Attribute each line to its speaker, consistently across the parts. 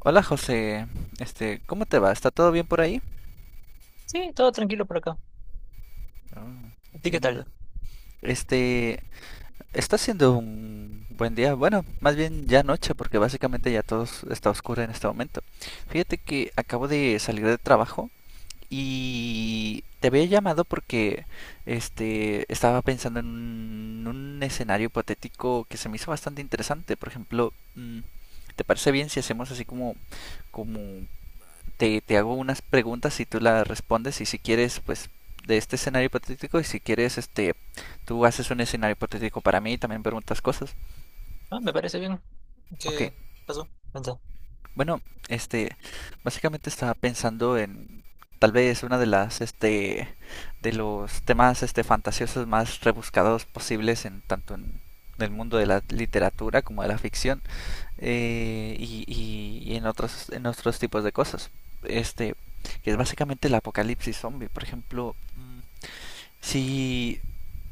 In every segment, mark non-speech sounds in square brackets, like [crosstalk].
Speaker 1: Hola José, ¿cómo te va? ¿Está todo bien por ahí?
Speaker 2: Sí, todo tranquilo por acá.
Speaker 1: Ah,
Speaker 2: ¿A ti qué tal?
Speaker 1: entiendo. Este, Está siendo un buen día. Bueno, más bien ya noche, porque básicamente ya todo está oscuro en este momento. Fíjate que acabo de salir de trabajo y te había llamado porque estaba pensando en un escenario hipotético que se me hizo bastante interesante. Por ejemplo, ¿te parece bien si hacemos así como como te hago unas preguntas y tú las respondes y si quieres, pues de este escenario hipotético y si quieres, tú haces un escenario hipotético para mí y también preguntas cosas.
Speaker 2: Ah, me parece bien.
Speaker 1: Ok,
Speaker 2: ¿Qué pasó? Cuenta.
Speaker 1: bueno, este, básicamente estaba pensando en tal vez una de las, de los temas, fantasiosos más rebuscados posibles en tanto en el mundo de la literatura como de la ficción. Y en otros tipos de cosas. Este, que es básicamente el apocalipsis zombie. Por ejemplo, si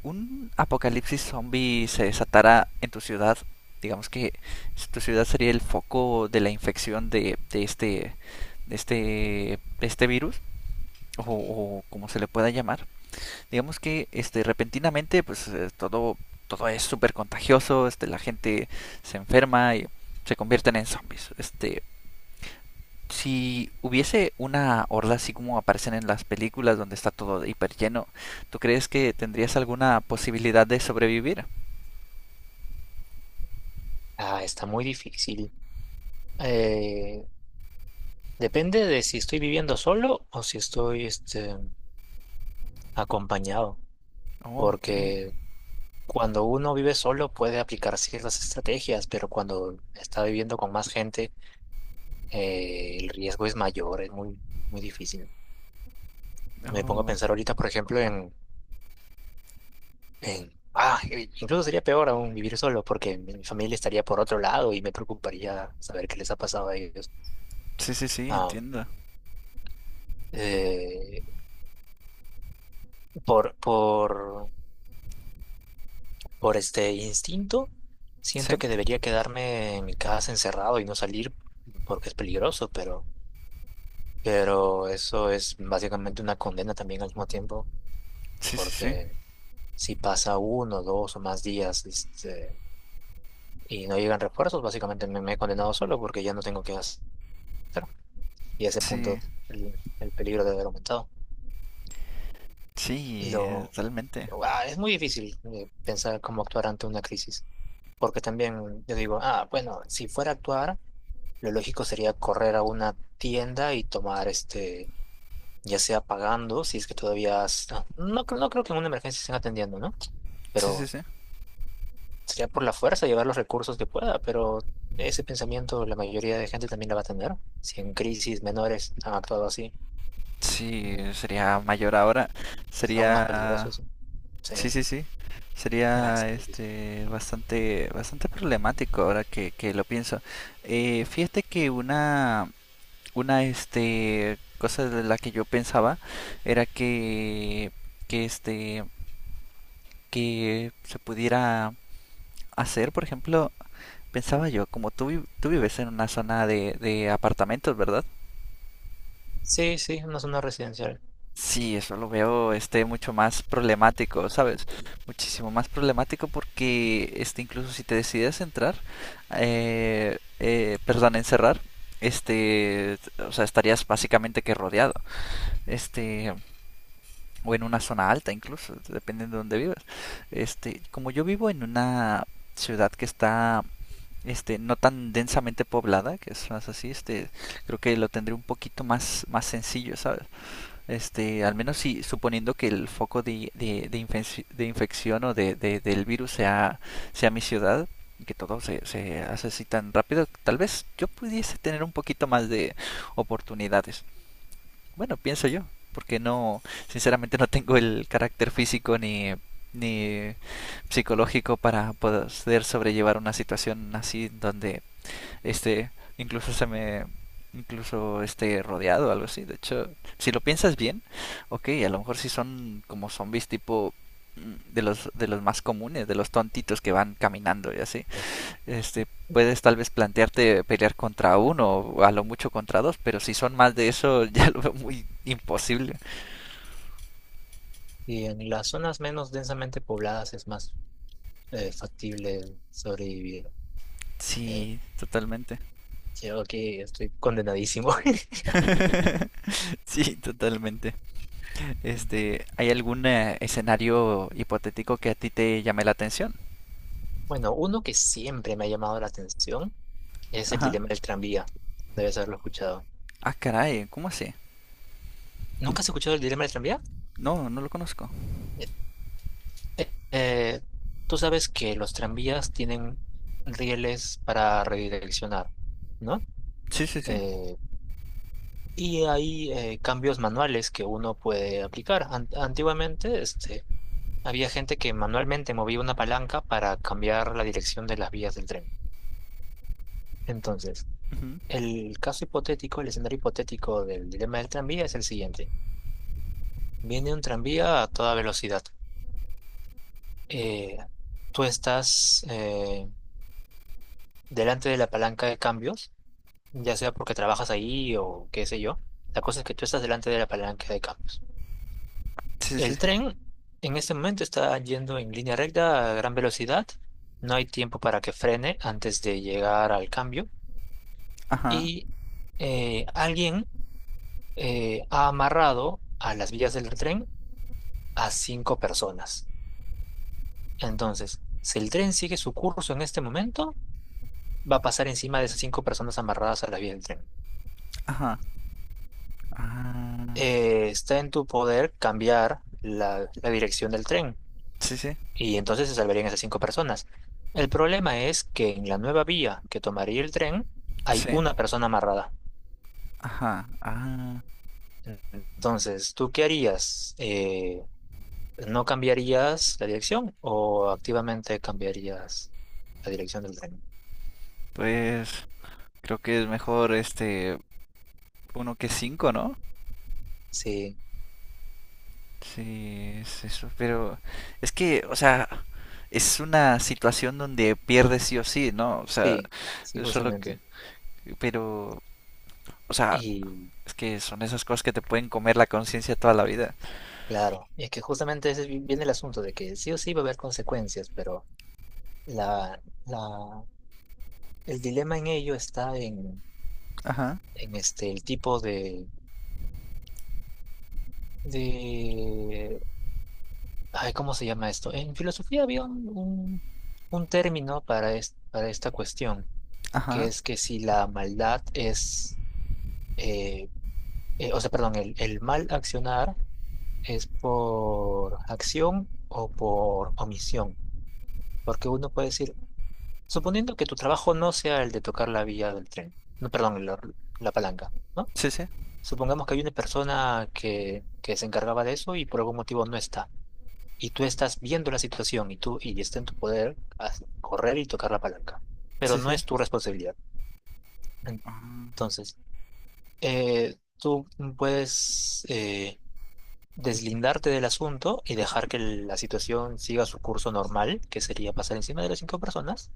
Speaker 1: un apocalipsis zombie se desatara en tu ciudad, digamos que tu ciudad sería el foco de la infección de de este virus, o como se le pueda llamar, digamos que repentinamente pues todo es súper contagioso, la gente se enferma y se convierten en zombies. Si hubiese una horda así como aparecen en las películas donde está todo hiper lleno, ¿tú crees que tendrías alguna posibilidad de sobrevivir?
Speaker 2: Ah, está muy difícil. Eh, Depende de si estoy viviendo solo o si estoy acompañado.
Speaker 1: Oh, ok.
Speaker 2: Porque cuando uno vive solo puede aplicar ciertas estrategias, pero cuando está viviendo con más gente, el riesgo es mayor, es muy, muy difícil. Me pongo a
Speaker 1: Oh.
Speaker 2: pensar ahorita, por ejemplo, incluso sería peor aún vivir solo porque mi familia estaría por otro lado y me preocuparía saber qué les ha pasado a ellos.
Speaker 1: Sí, sí, sí,
Speaker 2: Ah,
Speaker 1: entiendo.
Speaker 2: eh, por, por, por este instinto,
Speaker 1: Sí,
Speaker 2: siento que debería quedarme en mi casa encerrado y no salir porque es peligroso, pero eso es básicamente una condena también al mismo tiempo
Speaker 1: sí, sí, sí.
Speaker 2: porque si pasa uno, dos o más días y no llegan refuerzos, básicamente me he condenado solo porque ya no tengo que hacer. Y a ese punto
Speaker 1: Sí,
Speaker 2: el peligro debe haber aumentado.
Speaker 1: sí,
Speaker 2: Lo,
Speaker 1: totalmente.
Speaker 2: es muy difícil pensar cómo actuar ante una crisis, porque también yo digo, bueno, si fuera a actuar, lo lógico sería correr a una tienda y tomar ya sea pagando, si es que todavía, no, no creo que en una emergencia estén atendiendo, ¿no?
Speaker 1: Sí,
Speaker 2: Pero
Speaker 1: sí, sí.
Speaker 2: sería por la fuerza llevar los recursos que pueda, pero ese pensamiento la mayoría de gente también la va a tener, si en crisis menores han actuado así.
Speaker 1: Sí,
Speaker 2: mm,
Speaker 1: sería mayor ahora.
Speaker 2: Es aún más
Speaker 1: Sería
Speaker 2: peligroso eso. Sí.
Speaker 1: Sí, sí, sí.
Speaker 2: Ah, está
Speaker 1: Sería
Speaker 2: muy difícil.
Speaker 1: bastante bastante problemático ahora que lo pienso. Fíjate que una cosa de la que yo pensaba era que este que se pudiera hacer, por ejemplo, pensaba yo, como tú vives en una zona de apartamentos, ¿verdad?
Speaker 2: Sí, sí, una zona residencial.
Speaker 1: Sí, eso lo veo mucho más problemático, ¿sabes? Muchísimo más problemático porque incluso si te decides entrar, perdón, encerrar, o sea, estarías básicamente que rodeado, este, o en una zona alta incluso, dependiendo de dónde vivas. Como yo vivo en una ciudad que está no tan densamente poblada, que es más así, creo que lo tendré un poquito más sencillo, ¿sabes? Al menos si suponiendo que el foco de de infección o del virus sea mi ciudad, y que todo se hace así tan rápido, tal vez yo pudiese tener un poquito más de oportunidades. Bueno, pienso yo, porque no, sinceramente no tengo el carácter físico ni psicológico para poder sobrellevar una situación así donde este, incluso incluso rodeado o algo así. De hecho, si lo piensas bien, ok, a lo mejor sí son como zombies tipo de de los más comunes, de los tontitos que van caminando y así. Este, Puedes tal vez plantearte pelear contra uno o a lo mucho contra dos, pero si son más de eso [laughs] ya lo veo muy imposible.
Speaker 2: Y en las zonas menos densamente pobladas es más factible sobrevivir. Eh,
Speaker 1: Sí, totalmente.
Speaker 2: Creo que estoy condenadísimo. [laughs]
Speaker 1: [laughs] sí, totalmente. ¿Hay algún escenario hipotético que a ti te llame la atención?
Speaker 2: Bueno, uno que siempre me ha llamado la atención es el
Speaker 1: Ajá.
Speaker 2: dilema del tranvía. Debes haberlo escuchado.
Speaker 1: Ah, caray, ¿cómo así?
Speaker 2: ¿Nunca has escuchado el dilema del tranvía?
Speaker 1: No, no lo conozco.
Speaker 2: Eh, eh, eh, Tú sabes que los tranvías tienen rieles para redireccionar, ¿no?
Speaker 1: Sí, sí, sí.
Speaker 2: Eh, Y hay cambios manuales que uno puede aplicar. Antiguamente, había gente que manualmente movía una palanca para cambiar la dirección de las vías del tren. Entonces,
Speaker 1: Ujú.
Speaker 2: el caso hipotético, el escenario hipotético del dilema del tranvía es el siguiente. Viene un tranvía a toda velocidad. Eh, Tú estás delante de la palanca de cambios, ya sea porque trabajas ahí o qué sé yo. La cosa es que tú estás delante de la palanca de cambios.
Speaker 1: Sí, sí,
Speaker 2: El
Speaker 1: sí.
Speaker 2: tren en este momento está yendo en línea recta a gran velocidad. No hay tiempo para que frene antes de llegar al cambio.
Speaker 1: Ajá,
Speaker 2: Y alguien ha amarrado a las vías del tren a cinco personas. Entonces, si el tren sigue su curso en este momento, va a pasar encima de esas cinco personas amarradas a las vías del tren.
Speaker 1: ajá. Ah,
Speaker 2: Está en tu poder cambiar la dirección del tren.
Speaker 1: sí, sí,
Speaker 2: Y entonces se salvarían esas cinco personas. El problema es que en la nueva vía que tomaría el tren hay
Speaker 1: sí.
Speaker 2: una persona amarrada.
Speaker 1: Ajá, ah.
Speaker 2: Entonces, ¿tú qué harías? ¿No cambiarías la dirección o activamente cambiarías la dirección del tren?
Speaker 1: Pues creo que es mejor uno que cinco, ¿no?
Speaker 2: Sí,
Speaker 1: Sí, es eso. Pero es que, o sea, es una situación donde pierdes sí o sí, ¿no? O sea,
Speaker 2: sí, sí,
Speaker 1: es solo que...
Speaker 2: justamente.
Speaker 1: Pero, o sea,
Speaker 2: Y
Speaker 1: es que son esas cosas que te pueden comer la conciencia toda la vida.
Speaker 2: claro, es que justamente ese viene el asunto de que sí o sí va a haber consecuencias, pero la, la, el dilema en ello está en,
Speaker 1: Ajá,
Speaker 2: en este, el tipo de... Ay, ¿cómo se llama esto? En filosofía había un término para esta cuestión, que
Speaker 1: ajá.
Speaker 2: es que si la maldad es, eh, o sea, perdón, el mal accionar es por acción o por omisión, porque uno puede decir, suponiendo que tu trabajo no sea el de tocar la vía del tren, no, perdón, la palanca, ¿no?
Speaker 1: Sí, sí.
Speaker 2: Supongamos que hay una persona que se encargaba de eso y por algún motivo no está. Y tú estás viendo la situación y tú y está en tu poder correr y tocar la palanca, pero
Speaker 1: Sí,
Speaker 2: no
Speaker 1: sí.
Speaker 2: es tu responsabilidad.
Speaker 1: Ah,
Speaker 2: Entonces, tú puedes deslindarte del asunto y dejar que la situación siga su curso normal, que sería pasar encima de las cinco personas,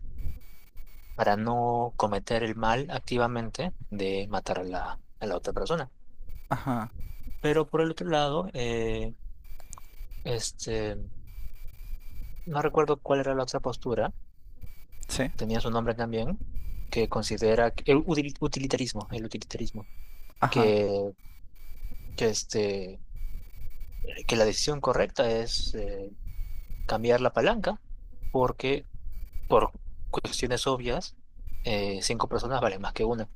Speaker 2: para no cometer el mal activamente de matar a la otra persona.
Speaker 1: ajá,
Speaker 2: Pero por el otro lado, este, no recuerdo cuál era la otra postura
Speaker 1: sí,
Speaker 2: tenía su nombre también, que considera el utilitarismo,
Speaker 1: ajá.
Speaker 2: que, que, este, que la decisión correcta es cambiar la palanca porque por cuestiones obvias cinco personas valen más que una.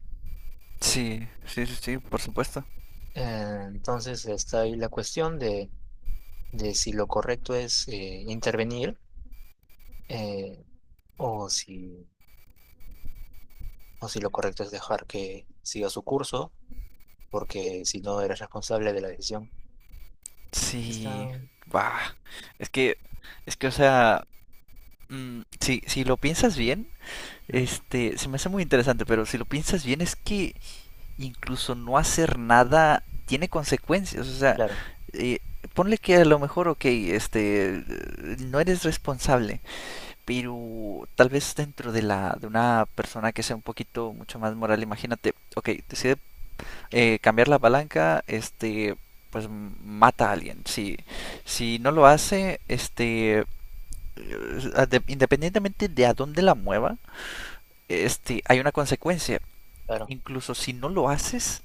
Speaker 1: Sí, sí, sí, sí, por supuesto.
Speaker 2: Eh, entonces está ahí la cuestión de si lo correcto es intervenir, eh, o si, o si lo correcto es dejar que siga su curso porque si no eres responsable de la decisión.
Speaker 1: Sí,
Speaker 2: Está,
Speaker 1: va. Es que, es que, o sea, si, si lo piensas bien,
Speaker 2: ujú,
Speaker 1: se me hace muy interesante, pero si lo piensas bien es que incluso no hacer nada tiene consecuencias. O sea,
Speaker 2: claro.
Speaker 1: eh, ponle que a lo mejor, ok, no eres responsable, pero tal vez dentro de de una persona que sea un poquito mucho más moral, imagínate, ok, decide cambiar la palanca, pues mata a alguien. Si, si no lo hace, independientemente de a dónde la mueva, hay una consecuencia.
Speaker 2: Claro.
Speaker 1: Incluso si no lo haces,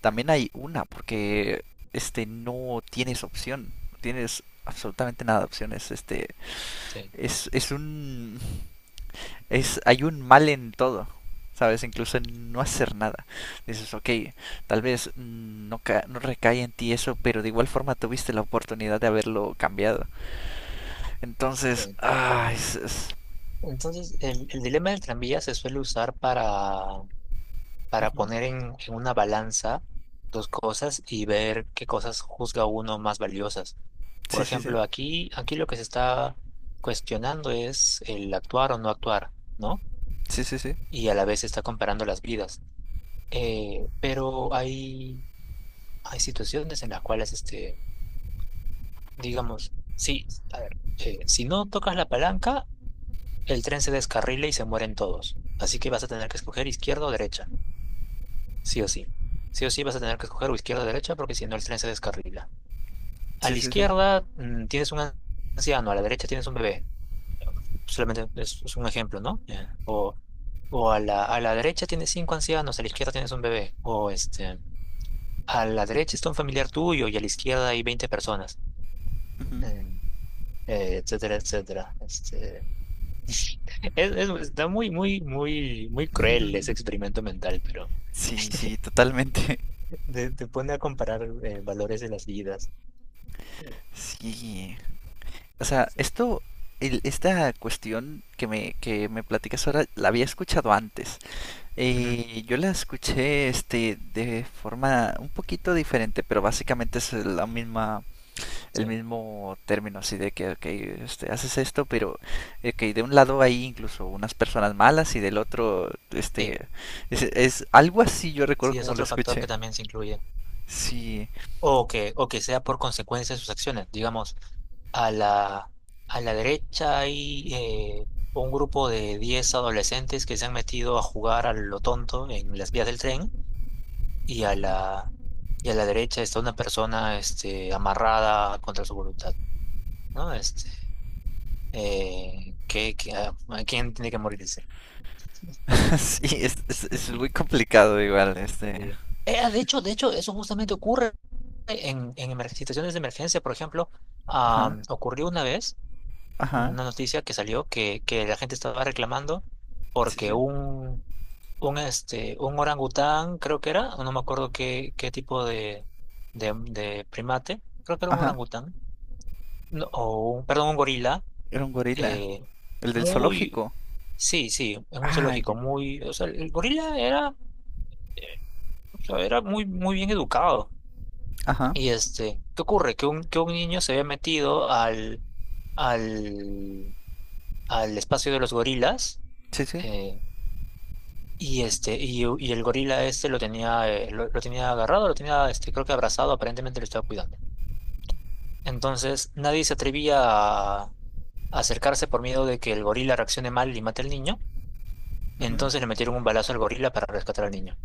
Speaker 1: también hay una, porque no tienes opción, no tienes absolutamente nada de opciones.
Speaker 2: Sí,
Speaker 1: Es un, es, hay un mal en todo, ¿sabes? Incluso en no hacer nada. Dices, ok, tal vez no, no recae en ti eso, pero de igual forma tuviste la oportunidad de haberlo cambiado. Entonces,
Speaker 2: sí.
Speaker 1: ah, es...
Speaker 2: Entonces, el dilema del tranvía se suele usar para
Speaker 1: Ujú.
Speaker 2: poner en una balanza dos cosas y ver qué cosas juzga uno más valiosas. Por
Speaker 1: Sí, sí, sí.
Speaker 2: ejemplo, aquí lo que se está cuestionando es el actuar o no actuar, ¿no?
Speaker 1: Sí, sí, sí.
Speaker 2: Y a la vez se está comparando las vidas. Pero hay situaciones en las cuales, digamos, sí, a ver, si no tocas la palanca, el tren se descarrila y se mueren todos. Así que vas a tener que escoger izquierda o derecha. Sí o sí. Sí o sí vas a tener que escoger o izquierda o derecha porque si no el tren se descarrila. A la
Speaker 1: Sí, sí, sí.
Speaker 2: izquierda tienes un anciano, a la derecha tienes un bebé. Solamente es un ejemplo, ¿no? Ya. O a la derecha tienes cinco ancianos, a la izquierda tienes un bebé. O a la derecha está un familiar tuyo y a la izquierda hay 20 personas.
Speaker 1: Ujú.
Speaker 2: Mm, Etcétera, etcétera. Está muy, muy, muy, muy cruel ese experimento
Speaker 1: [laughs]
Speaker 2: mental, pero...
Speaker 1: Sí, sí, totalmente. [laughs]
Speaker 2: Te pone a comparar valores de las vidas. Sí,
Speaker 1: Sí. O sea,
Speaker 2: sí.
Speaker 1: esto, esta cuestión que me platicas ahora, la había escuchado antes.
Speaker 2: Ujú.
Speaker 1: Y yo la escuché de forma un poquito diferente, pero básicamente es la misma, el
Speaker 2: Sí,
Speaker 1: mismo término así de que ok, haces esto, pero okay, de un lado hay incluso unas personas malas y del otro
Speaker 2: sí,
Speaker 1: es algo así yo recuerdo
Speaker 2: sí, es
Speaker 1: como lo
Speaker 2: otro factor que
Speaker 1: escuché.
Speaker 2: también se incluye.
Speaker 1: Sí,
Speaker 2: O que sea por consecuencia de sus acciones. Digamos, a la, a la derecha hay un grupo de 10 adolescentes que se han metido a jugar a lo tonto en las vías del tren y a la, y a la derecha está una persona amarrada contra su voluntad. ¿No? Eh, que, que, ah, ¿Quién tiene que morir?
Speaker 1: [laughs] sí, es muy complicado igual, este.
Speaker 2: Sí. De hecho, eso justamente ocurre en situaciones de emergencia. Por ejemplo,
Speaker 1: Ajá,
Speaker 2: ocurrió una vez
Speaker 1: ajá,
Speaker 2: una noticia que salió que la gente estaba reclamando
Speaker 1: sí, sí,
Speaker 2: porque un orangután, creo que era, no me acuerdo qué tipo de primate, creo que era un
Speaker 1: ajá.
Speaker 2: orangután, no, o un, perdón, un gorila.
Speaker 1: Era un gorila,
Speaker 2: eh,
Speaker 1: el del
Speaker 2: muy,
Speaker 1: zoológico.
Speaker 2: sí, sí, es un
Speaker 1: Ah,
Speaker 2: zoológico,
Speaker 1: ya.
Speaker 2: o sea, el gorila era, eh, o sea, era muy, muy bien educado.
Speaker 1: Ajá,
Speaker 2: Y ¿qué ocurre? Que un niño se había metido al, al espacio de los gorilas
Speaker 1: sí, sí.
Speaker 2: eh, y el gorila lo tenía, lo tenía agarrado, lo tenía creo que abrazado, aparentemente lo estaba cuidando. Entonces nadie se atrevía a acercarse por miedo de que el gorila reaccione mal y mate al niño.
Speaker 1: Ujú.
Speaker 2: Entonces le metieron un balazo al gorila para rescatar al niño.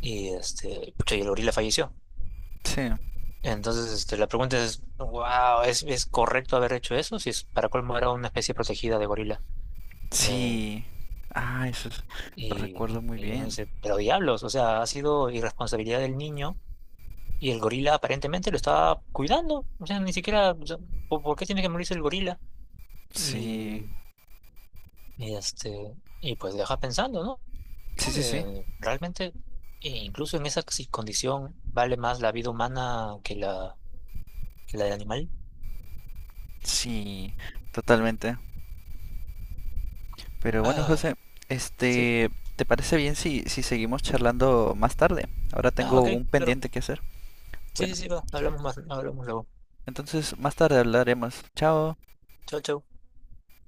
Speaker 2: Y pucha, y el gorila falleció.
Speaker 1: Sí,
Speaker 2: Entonces, la pregunta es, wow, ¿es correcto haber hecho eso? Si es para colmo era una especie protegida de gorila. Eh,
Speaker 1: sí. Ah, eso es... lo
Speaker 2: y,
Speaker 1: recuerdo muy
Speaker 2: y uno
Speaker 1: bien.
Speaker 2: dice, pero diablos, o sea, ha sido irresponsabilidad del niño y el gorila aparentemente lo estaba cuidando. O sea, ni siquiera, o sea, ¿por qué tiene que morirse el gorila?
Speaker 1: Sí,
Speaker 2: Y, y este, y pues deja pensando, ¿no?
Speaker 1: sí, sí, sí.
Speaker 2: Realmente, e incluso en esa condición, vale más la vida humana que la del animal.
Speaker 1: Sí, totalmente. Pero bueno,
Speaker 2: Ah,
Speaker 1: José,
Speaker 2: sí.
Speaker 1: este, ¿te parece bien si, si seguimos charlando más tarde? Ahora
Speaker 2: Ah,
Speaker 1: tengo
Speaker 2: ok,
Speaker 1: un
Speaker 2: claro.
Speaker 1: pendiente que hacer.
Speaker 2: Sí, sí,
Speaker 1: Bueno,
Speaker 2: sí, va. Hablamos más, hablamos luego.
Speaker 1: entonces más tarde hablaremos. Chao.
Speaker 2: Chao, chao.